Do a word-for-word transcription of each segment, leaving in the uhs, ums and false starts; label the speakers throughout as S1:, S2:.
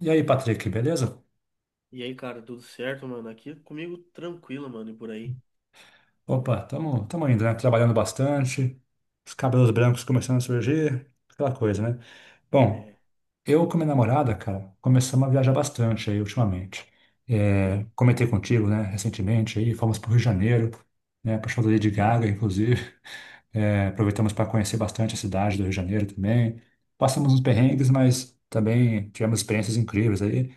S1: E aí, Patrick, beleza?
S2: E aí, cara, tudo certo, mano? Aqui comigo tranquilo, mano, e por aí.
S1: Opa, tamo, tamo indo, né? Trabalhando bastante, os cabelos brancos começando a surgir, aquela coisa, né? Bom,
S2: É,
S1: eu com minha namorada, cara, começamos a viajar bastante aí ultimamente. É,
S2: sim,
S1: comentei contigo, né, recentemente aí, fomos pro Rio de Janeiro, né, pro show da Lady Gaga, inclusive. É, aproveitamos para conhecer bastante a cidade do Rio de Janeiro também. Passamos uns perrengues, mas também tivemos experiências incríveis aí.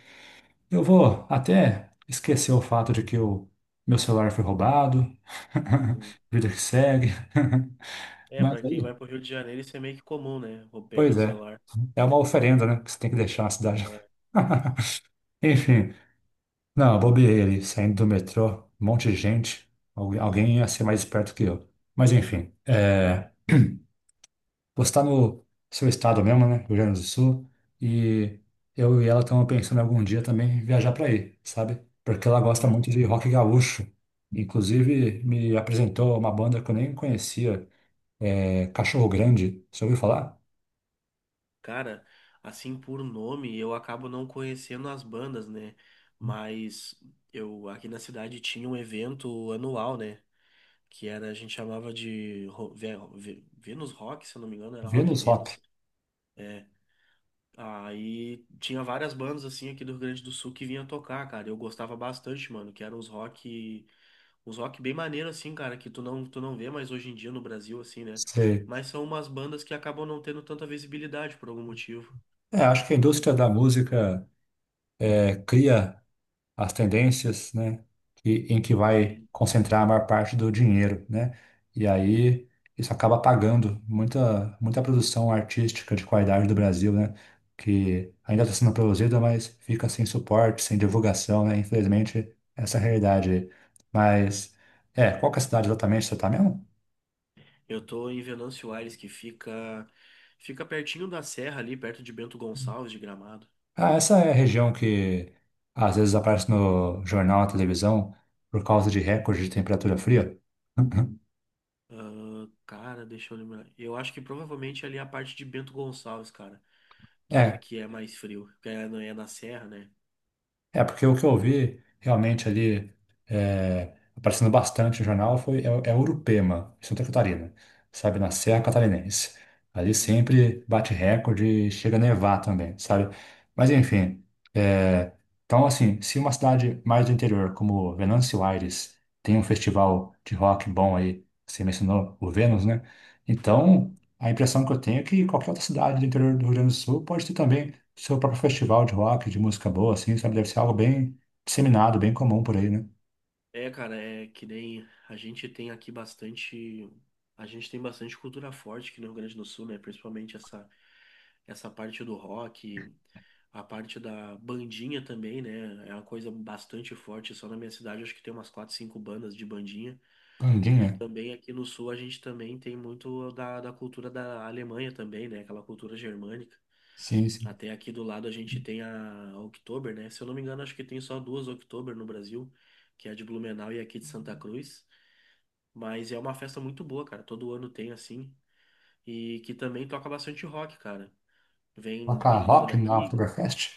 S1: Eu vou até esquecer o fato de que o meu celular foi roubado,
S2: sim.
S1: vida que segue.
S2: É, pra
S1: Mas
S2: quem
S1: aí,
S2: vai pro Rio de Janeiro, isso é meio que comum, né? Vou perder
S1: pois
S2: o
S1: é,
S2: celular.
S1: é uma oferenda, né? Que você tem que deixar na cidade.
S2: É.
S1: Enfim, não, eu bobeei ali, saindo do metrô, um monte de gente. Algu- Alguém ia ser mais esperto que eu. Mas enfim, é, postar no seu estado mesmo, né? Rio Grande do Sul. E eu e ela estamos pensando em algum dia também viajar para aí, sabe? Porque ela gosta
S2: Uhum.
S1: muito de rock gaúcho. Inclusive, me apresentou uma banda que eu nem conhecia, é Cachorro Grande. Você ouviu falar?
S2: Cara, assim por nome, eu acabo não conhecendo as bandas, né? Mas eu aqui na cidade tinha um evento anual, né? Que era, a gente chamava de Ro- Ve- Ve- Venus Rock, se eu não me engano, era Rock
S1: Vênus Rock.
S2: Venus. É, aí tinha várias bandas assim aqui do Rio Grande do Sul que vinha tocar, cara. Eu gostava bastante, mano, que eram os rock, uns rock bem maneiro assim, cara, que tu não, tu não vê mais hoje em dia no Brasil assim, né?
S1: Você...
S2: Mas são umas bandas que acabam não tendo tanta visibilidade por algum motivo.
S1: É, acho que a indústria da música é, cria as tendências, né, que, em que vai
S2: Sim.
S1: concentrar a maior parte do dinheiro, né? E aí isso acaba apagando muita, muita produção artística de qualidade do Brasil, né? Que ainda está sendo produzida, mas fica sem suporte, sem divulgação, né? Infelizmente, essa é a realidade aí. Mas, é, qual que é a cidade exatamente que você está mesmo?
S2: Eu tô em Venâncio Aires, que fica fica pertinho da serra ali, perto de Bento Gonçalves de Gramado.
S1: Ah, essa é a região que às vezes aparece no jornal, na televisão, por causa de recorde de temperatura fria.
S2: Ah, cara, deixa eu lembrar. Eu acho que provavelmente ali é a parte de Bento Gonçalves, cara, que
S1: É.
S2: que é mais frio, que é, não é na serra, né?
S1: É, porque o que eu vi realmente ali é, aparecendo bastante no jornal foi é, é Urupema, em Santa Catarina, sabe, na Serra Catarinense. Ali
S2: Uhum.
S1: sempre bate recorde e chega a nevar também, sabe? Mas enfim, é, então assim, se uma cidade mais do interior, como Venâncio Aires, tem um festival de rock bom aí, você mencionou o Vênus, né? Então, a impressão que eu tenho é que qualquer outra cidade do interior do Rio Grande do Sul pode ter também seu próprio festival de rock, de música boa, assim, sabe? Deve ser algo bem disseminado, bem comum por aí, né?
S2: É, cara, é que nem a gente tem aqui bastante, a gente tem bastante cultura forte aqui no Rio Grande do Sul, né? Principalmente essa essa parte do rock, a parte da bandinha também, né? É uma coisa bastante forte. Só na minha cidade acho que tem umas quatro, cinco bandas de bandinha. E
S1: Candinha?
S2: também aqui no sul a gente também tem muito da, da cultura da Alemanha também, né? Aquela cultura germânica.
S1: Sim, sim.
S2: Até aqui do lado a gente tem a Oktober, né? Se eu não me engano, acho que tem só duas Oktober no Brasil, que é a de Blumenau e aqui de Santa Cruz. Mas é uma festa muito boa, cara. Todo ano tem assim. E que também toca bastante rock, cara. Vem,
S1: Toca
S2: tem banda
S1: rock na
S2: daqui.
S1: Oktoberfest?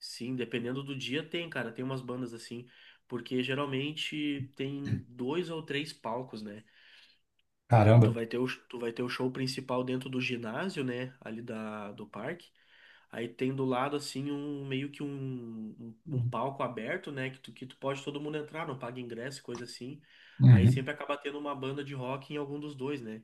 S2: Sim, dependendo do dia tem, cara. Tem umas bandas assim. Porque geralmente tem dois ou três palcos, né? Tu
S1: Caramba.
S2: vai ter o, tu vai ter o show principal dentro do ginásio, né? Ali da, do parque. Aí tem do lado assim um meio que um, um, um palco aberto, né? Que tu, que tu pode todo mundo entrar, não paga ingresso, e coisa assim. Aí
S1: Uhum,
S2: sempre acaba tendo uma banda de rock em algum dos dois, né?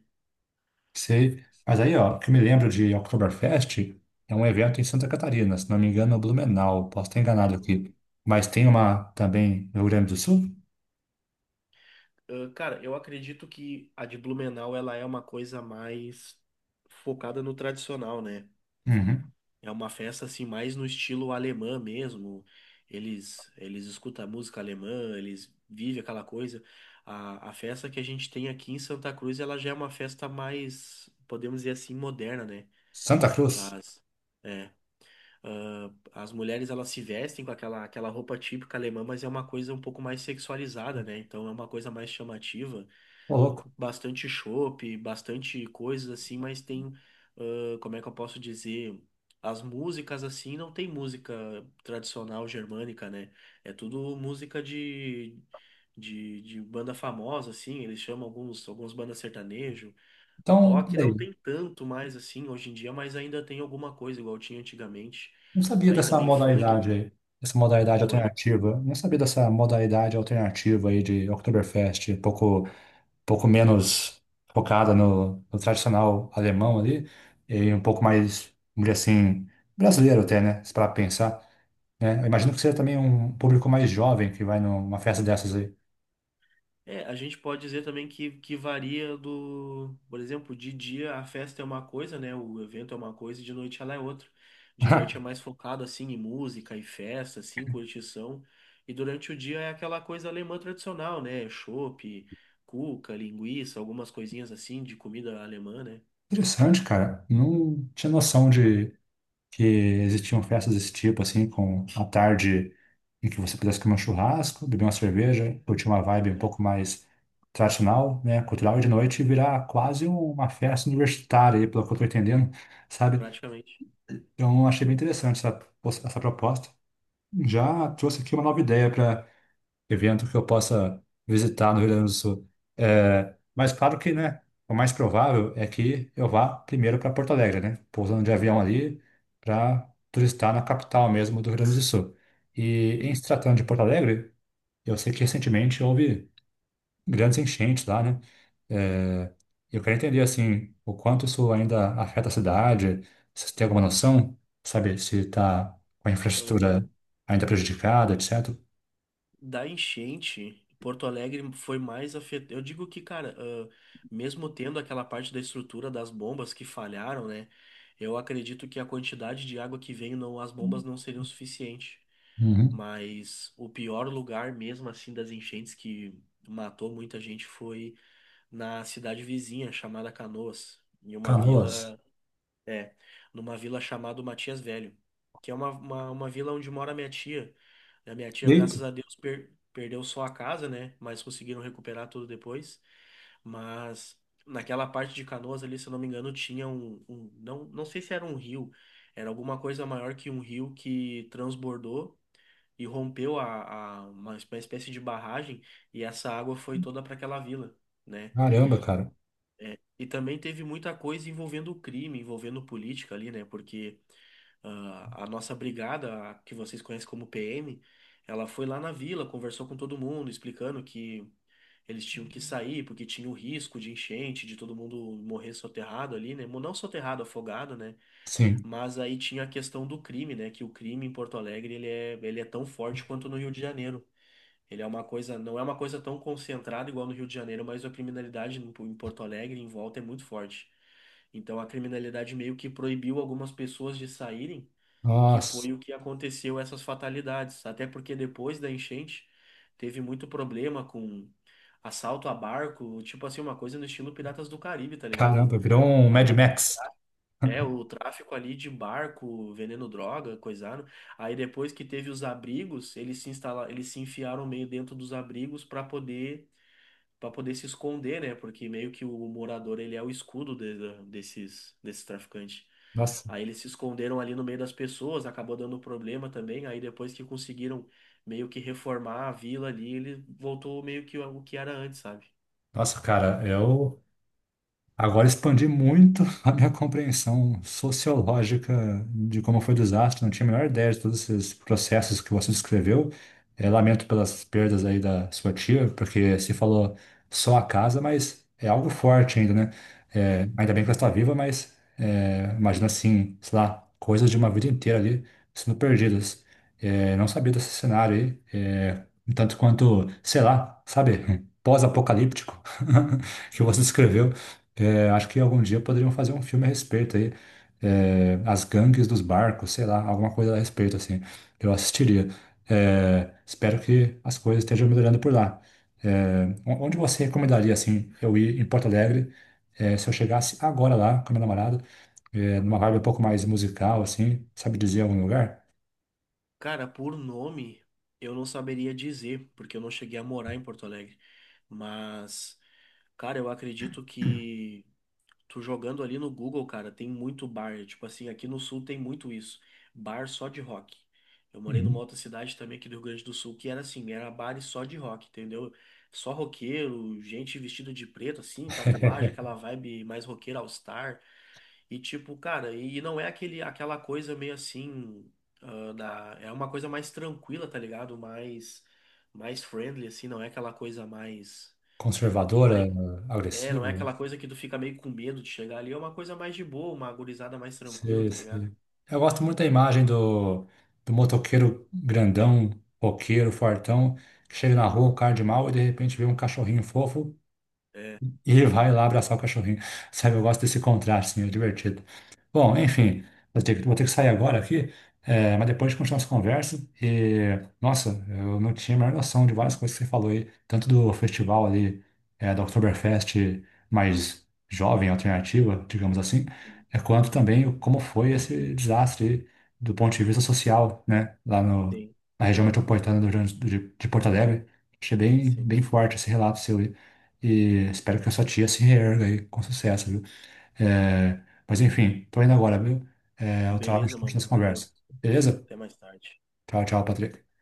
S1: sei. Mas aí, ó, o que eu me lembro de Oktoberfest é um evento em Santa Catarina, se não me engano, no Blumenau, posso estar
S2: É,
S1: enganado aqui. Mas tem uma também no Rio Grande do Sul?
S2: ah, cara, eu acredito que a de Blumenau ela é uma coisa mais focada no tradicional, né?
S1: Uhum.
S2: É uma festa assim mais no estilo alemã mesmo. Eles eles escutam música alemã, eles vivem aquela coisa. A, a festa que a gente tem aqui em Santa Cruz, ela já é uma festa mais, podemos dizer assim, moderna, né?
S1: Santa Cruz?
S2: As, é, ah, as mulheres elas se vestem com aquela aquela roupa típica alemã, mas é uma coisa um pouco mais sexualizada, né? Então é uma coisa mais chamativa,
S1: Ô, louco.
S2: bastante chopp, bastante coisas assim, mas tem, ah, como é que eu posso dizer? As músicas assim não tem música tradicional germânica, né? É tudo música de, de, de banda famosa, assim, eles chamam alguns, alguns bandas sertanejo.
S1: Então,
S2: Rock não
S1: peraí.
S2: tem tanto mais assim hoje em dia, mas ainda tem alguma coisa igual tinha antigamente.
S1: Não sabia
S2: Aí
S1: dessa
S2: também funk.
S1: modalidade aí, dessa modalidade
S2: Oi?
S1: alternativa. Não sabia dessa modalidade alternativa aí de Oktoberfest, pouco, pouco menos focada no, no tradicional alemão ali, e um pouco mais, vamos dizer assim, brasileiro até, né? Se para pensar, né? Eu imagino que seja também um público mais jovem que vai numa festa dessas aí.
S2: É, a gente pode dizer também que, que varia do, por exemplo, de dia a festa é uma coisa, né? O evento é uma coisa e de noite ela é outra. De noite é mais focado assim em música e festa, assim, curtição. E durante o dia é aquela coisa alemã tradicional, né? Chopp, cuca, linguiça, algumas coisinhas assim de comida alemã, né?
S1: Interessante, cara. Não tinha noção de que existiam festas desse tipo, assim, com a tarde em que você pudesse comer um churrasco, beber uma cerveja, curtir uma vibe um
S2: É,
S1: pouco mais tradicional, né, cultural, e de noite virar quase uma festa universitária, aí, pelo que eu tô entendendo, sabe?
S2: praticamente.
S1: Então, achei bem interessante essa, essa proposta. Já trouxe aqui uma nova ideia para evento que eu possa visitar no Rio Grande do Sul. É, mas claro que, né, o mais provável é que eu vá primeiro para Porto Alegre, né, pousando de avião
S2: Sim,
S1: ali para turistar na capital mesmo do Rio Grande do Sul. E em
S2: sim.
S1: se tratando de Porto Alegre, eu sei que recentemente houve grandes enchentes lá, né? É, eu quero entender assim o quanto isso ainda afeta a cidade, se você tem alguma noção, sabe, se está com a infraestrutura ainda prejudicada, etcétera.
S2: Da enchente, Porto Alegre foi mais afetado. Eu digo que, cara, ah, mesmo tendo aquela parte da estrutura das bombas que falharam, né? Eu acredito que a quantidade de água que vem, não, as bombas não seriam suficiente.
S1: Uhum.
S2: Mas o pior lugar mesmo, assim, das enchentes que matou muita gente foi na cidade vizinha, chamada Canoas, em uma
S1: Canoas.
S2: vila, é, numa vila chamada Matias Velho, que é uma, uma, uma vila onde mora minha tia. A minha tia,
S1: Eita,
S2: graças a Deus, per- perdeu só a casa, né? Mas conseguiram recuperar tudo depois. Mas naquela parte de Canoas ali, se eu não me engano, tinha um, um- não, não sei se era um rio, era alguma coisa maior que um rio que transbordou e rompeu a, a- uma, espé- uma espécie de barragem, e essa água foi toda para aquela vila, né?
S1: caramba, cara.
S2: E também teve muita coisa envolvendo crime, envolvendo política ali, né? Porque ah, a nossa brigada, a que vocês conhecem como P M, ela foi lá na vila, conversou com todo mundo, explicando que eles tinham que sair porque tinha o risco de enchente, de todo mundo morrer soterrado ali, né? Mo- Não soterrado, afogado, né?
S1: Sim.
S2: Mas aí tinha a questão do crime, né? Que o crime em Porto Alegre ele é, ele é tão forte quanto no Rio de Janeiro. Ele é uma coisa, não é uma coisa tão concentrada igual no Rio de Janeiro, mas a criminalidade em em Porto Alegre, em volta, é muito forte. Então a criminalidade meio que proibiu algumas pessoas de saírem, que
S1: Nossa,
S2: foi o que aconteceu essas fatalidades. Até porque depois da enchente teve muito problema com assalto a barco, tipo assim, uma coisa no estilo Piratas do Caribe, tá ligado?
S1: caramba, virou um Mad
S2: A-
S1: Max.
S2: É, o tráfico ali de barco, vendendo droga, coisado. Aí depois que teve os abrigos, eles se instala eles se enfiaram meio dentro dos abrigos para poder para poder se esconder, né? Porque meio que o morador ele é o escudo de- da- desses desses traficantes.
S1: Nossa,
S2: Aí eles se esconderam ali no meio das pessoas, acabou dando problema também. Aí depois que conseguiram meio que reformar a vila ali, ele voltou meio que o que era antes, sabe?
S1: nossa, cara, eu agora expandi muito a minha compreensão sociológica de como foi o desastre. Não tinha a menor ideia de todos esses processos que você descreveu. Eh, lamento pelas perdas aí da sua tia, porque se falou só a casa, mas é algo forte ainda, né?
S2: É,
S1: Eh, ainda bem que ela está viva, mas eh, imagina assim, sei lá, coisas de uma vida inteira ali sendo perdidas. Eh, não sabia desse cenário aí, eh, tanto quanto, sei lá, sabe, pós-apocalíptico que você
S2: sim.
S1: descreveu. É, acho que algum dia poderiam fazer um filme a respeito aí. É, as gangues dos barcos, sei lá, alguma coisa a respeito, assim. Eu assistiria. É, espero que as coisas estejam melhorando por lá. É, o- onde você recomendaria, assim, eu ir em Porto Alegre, é, se eu chegasse agora lá com a minha namorada, é, numa vibe um pouco mais musical, assim, sabe dizer algum lugar?
S2: Cara, por nome, eu não saberia dizer, porque eu não cheguei a morar em Porto Alegre. Mas, cara, eu acredito que, tu jogando ali no Google, cara, tem muito bar. Tipo assim, aqui no sul tem muito isso. Bar só de rock. Eu morei numa
S1: Uhum.
S2: outra cidade também aqui do Rio Grande do Sul, que era assim, era bar e só de rock, entendeu? Só roqueiro, gente vestida de preto, assim, tatuagem, aquela vibe mais roqueira all-star. E tipo, cara, e não é aquele, aquela coisa meio assim, ah, da, é uma coisa mais tranquila, tá ligado? Mais, mais friendly, assim, não é aquela coisa mais. mais
S1: Conservadora,
S2: é, não
S1: agressiva?
S2: é aquela coisa que tu fica meio com medo de chegar ali. É uma coisa mais de boa, uma gurizada mais tranquila,
S1: Sei,
S2: tá ligado?
S1: sei. Eu gosto muito da imagem do, do motoqueiro grandão, roqueiro, fortão, que chega na
S2: Sim,
S1: rua, o cara de mal, e de repente vê um cachorrinho fofo,
S2: é,
S1: e vai lá abraçar o cachorrinho. Sabe, eu gosto desse contraste, assim, é divertido. Bom, enfim, eu tenho que- vou ter que sair agora aqui, é, mas depois a gente continua essa conversa. E, nossa, eu não tinha a menor noção de várias coisas que você falou aí, tanto do festival ali, é, da Oktoberfest mais jovem, alternativa, digamos assim,
S2: sim,
S1: é, quanto também o- como foi esse desastre aí, do ponto de vista social, né, lá no,
S2: sim,
S1: na região metropolitana do Rio Grande do- de, de Porto Alegre. Achei bem,
S2: sim.
S1: bem forte esse relato seu aí. E espero que a sua tia se reerga aí com sucesso, viu? É, mas enfim, tô indo agora, viu? É, o trabalho a
S2: Beleza,
S1: gente continua
S2: mano.
S1: essa
S2: Valeu.
S1: conversa. Beleza?
S2: Até mais tarde.
S1: Tchau, tchau, Patrick.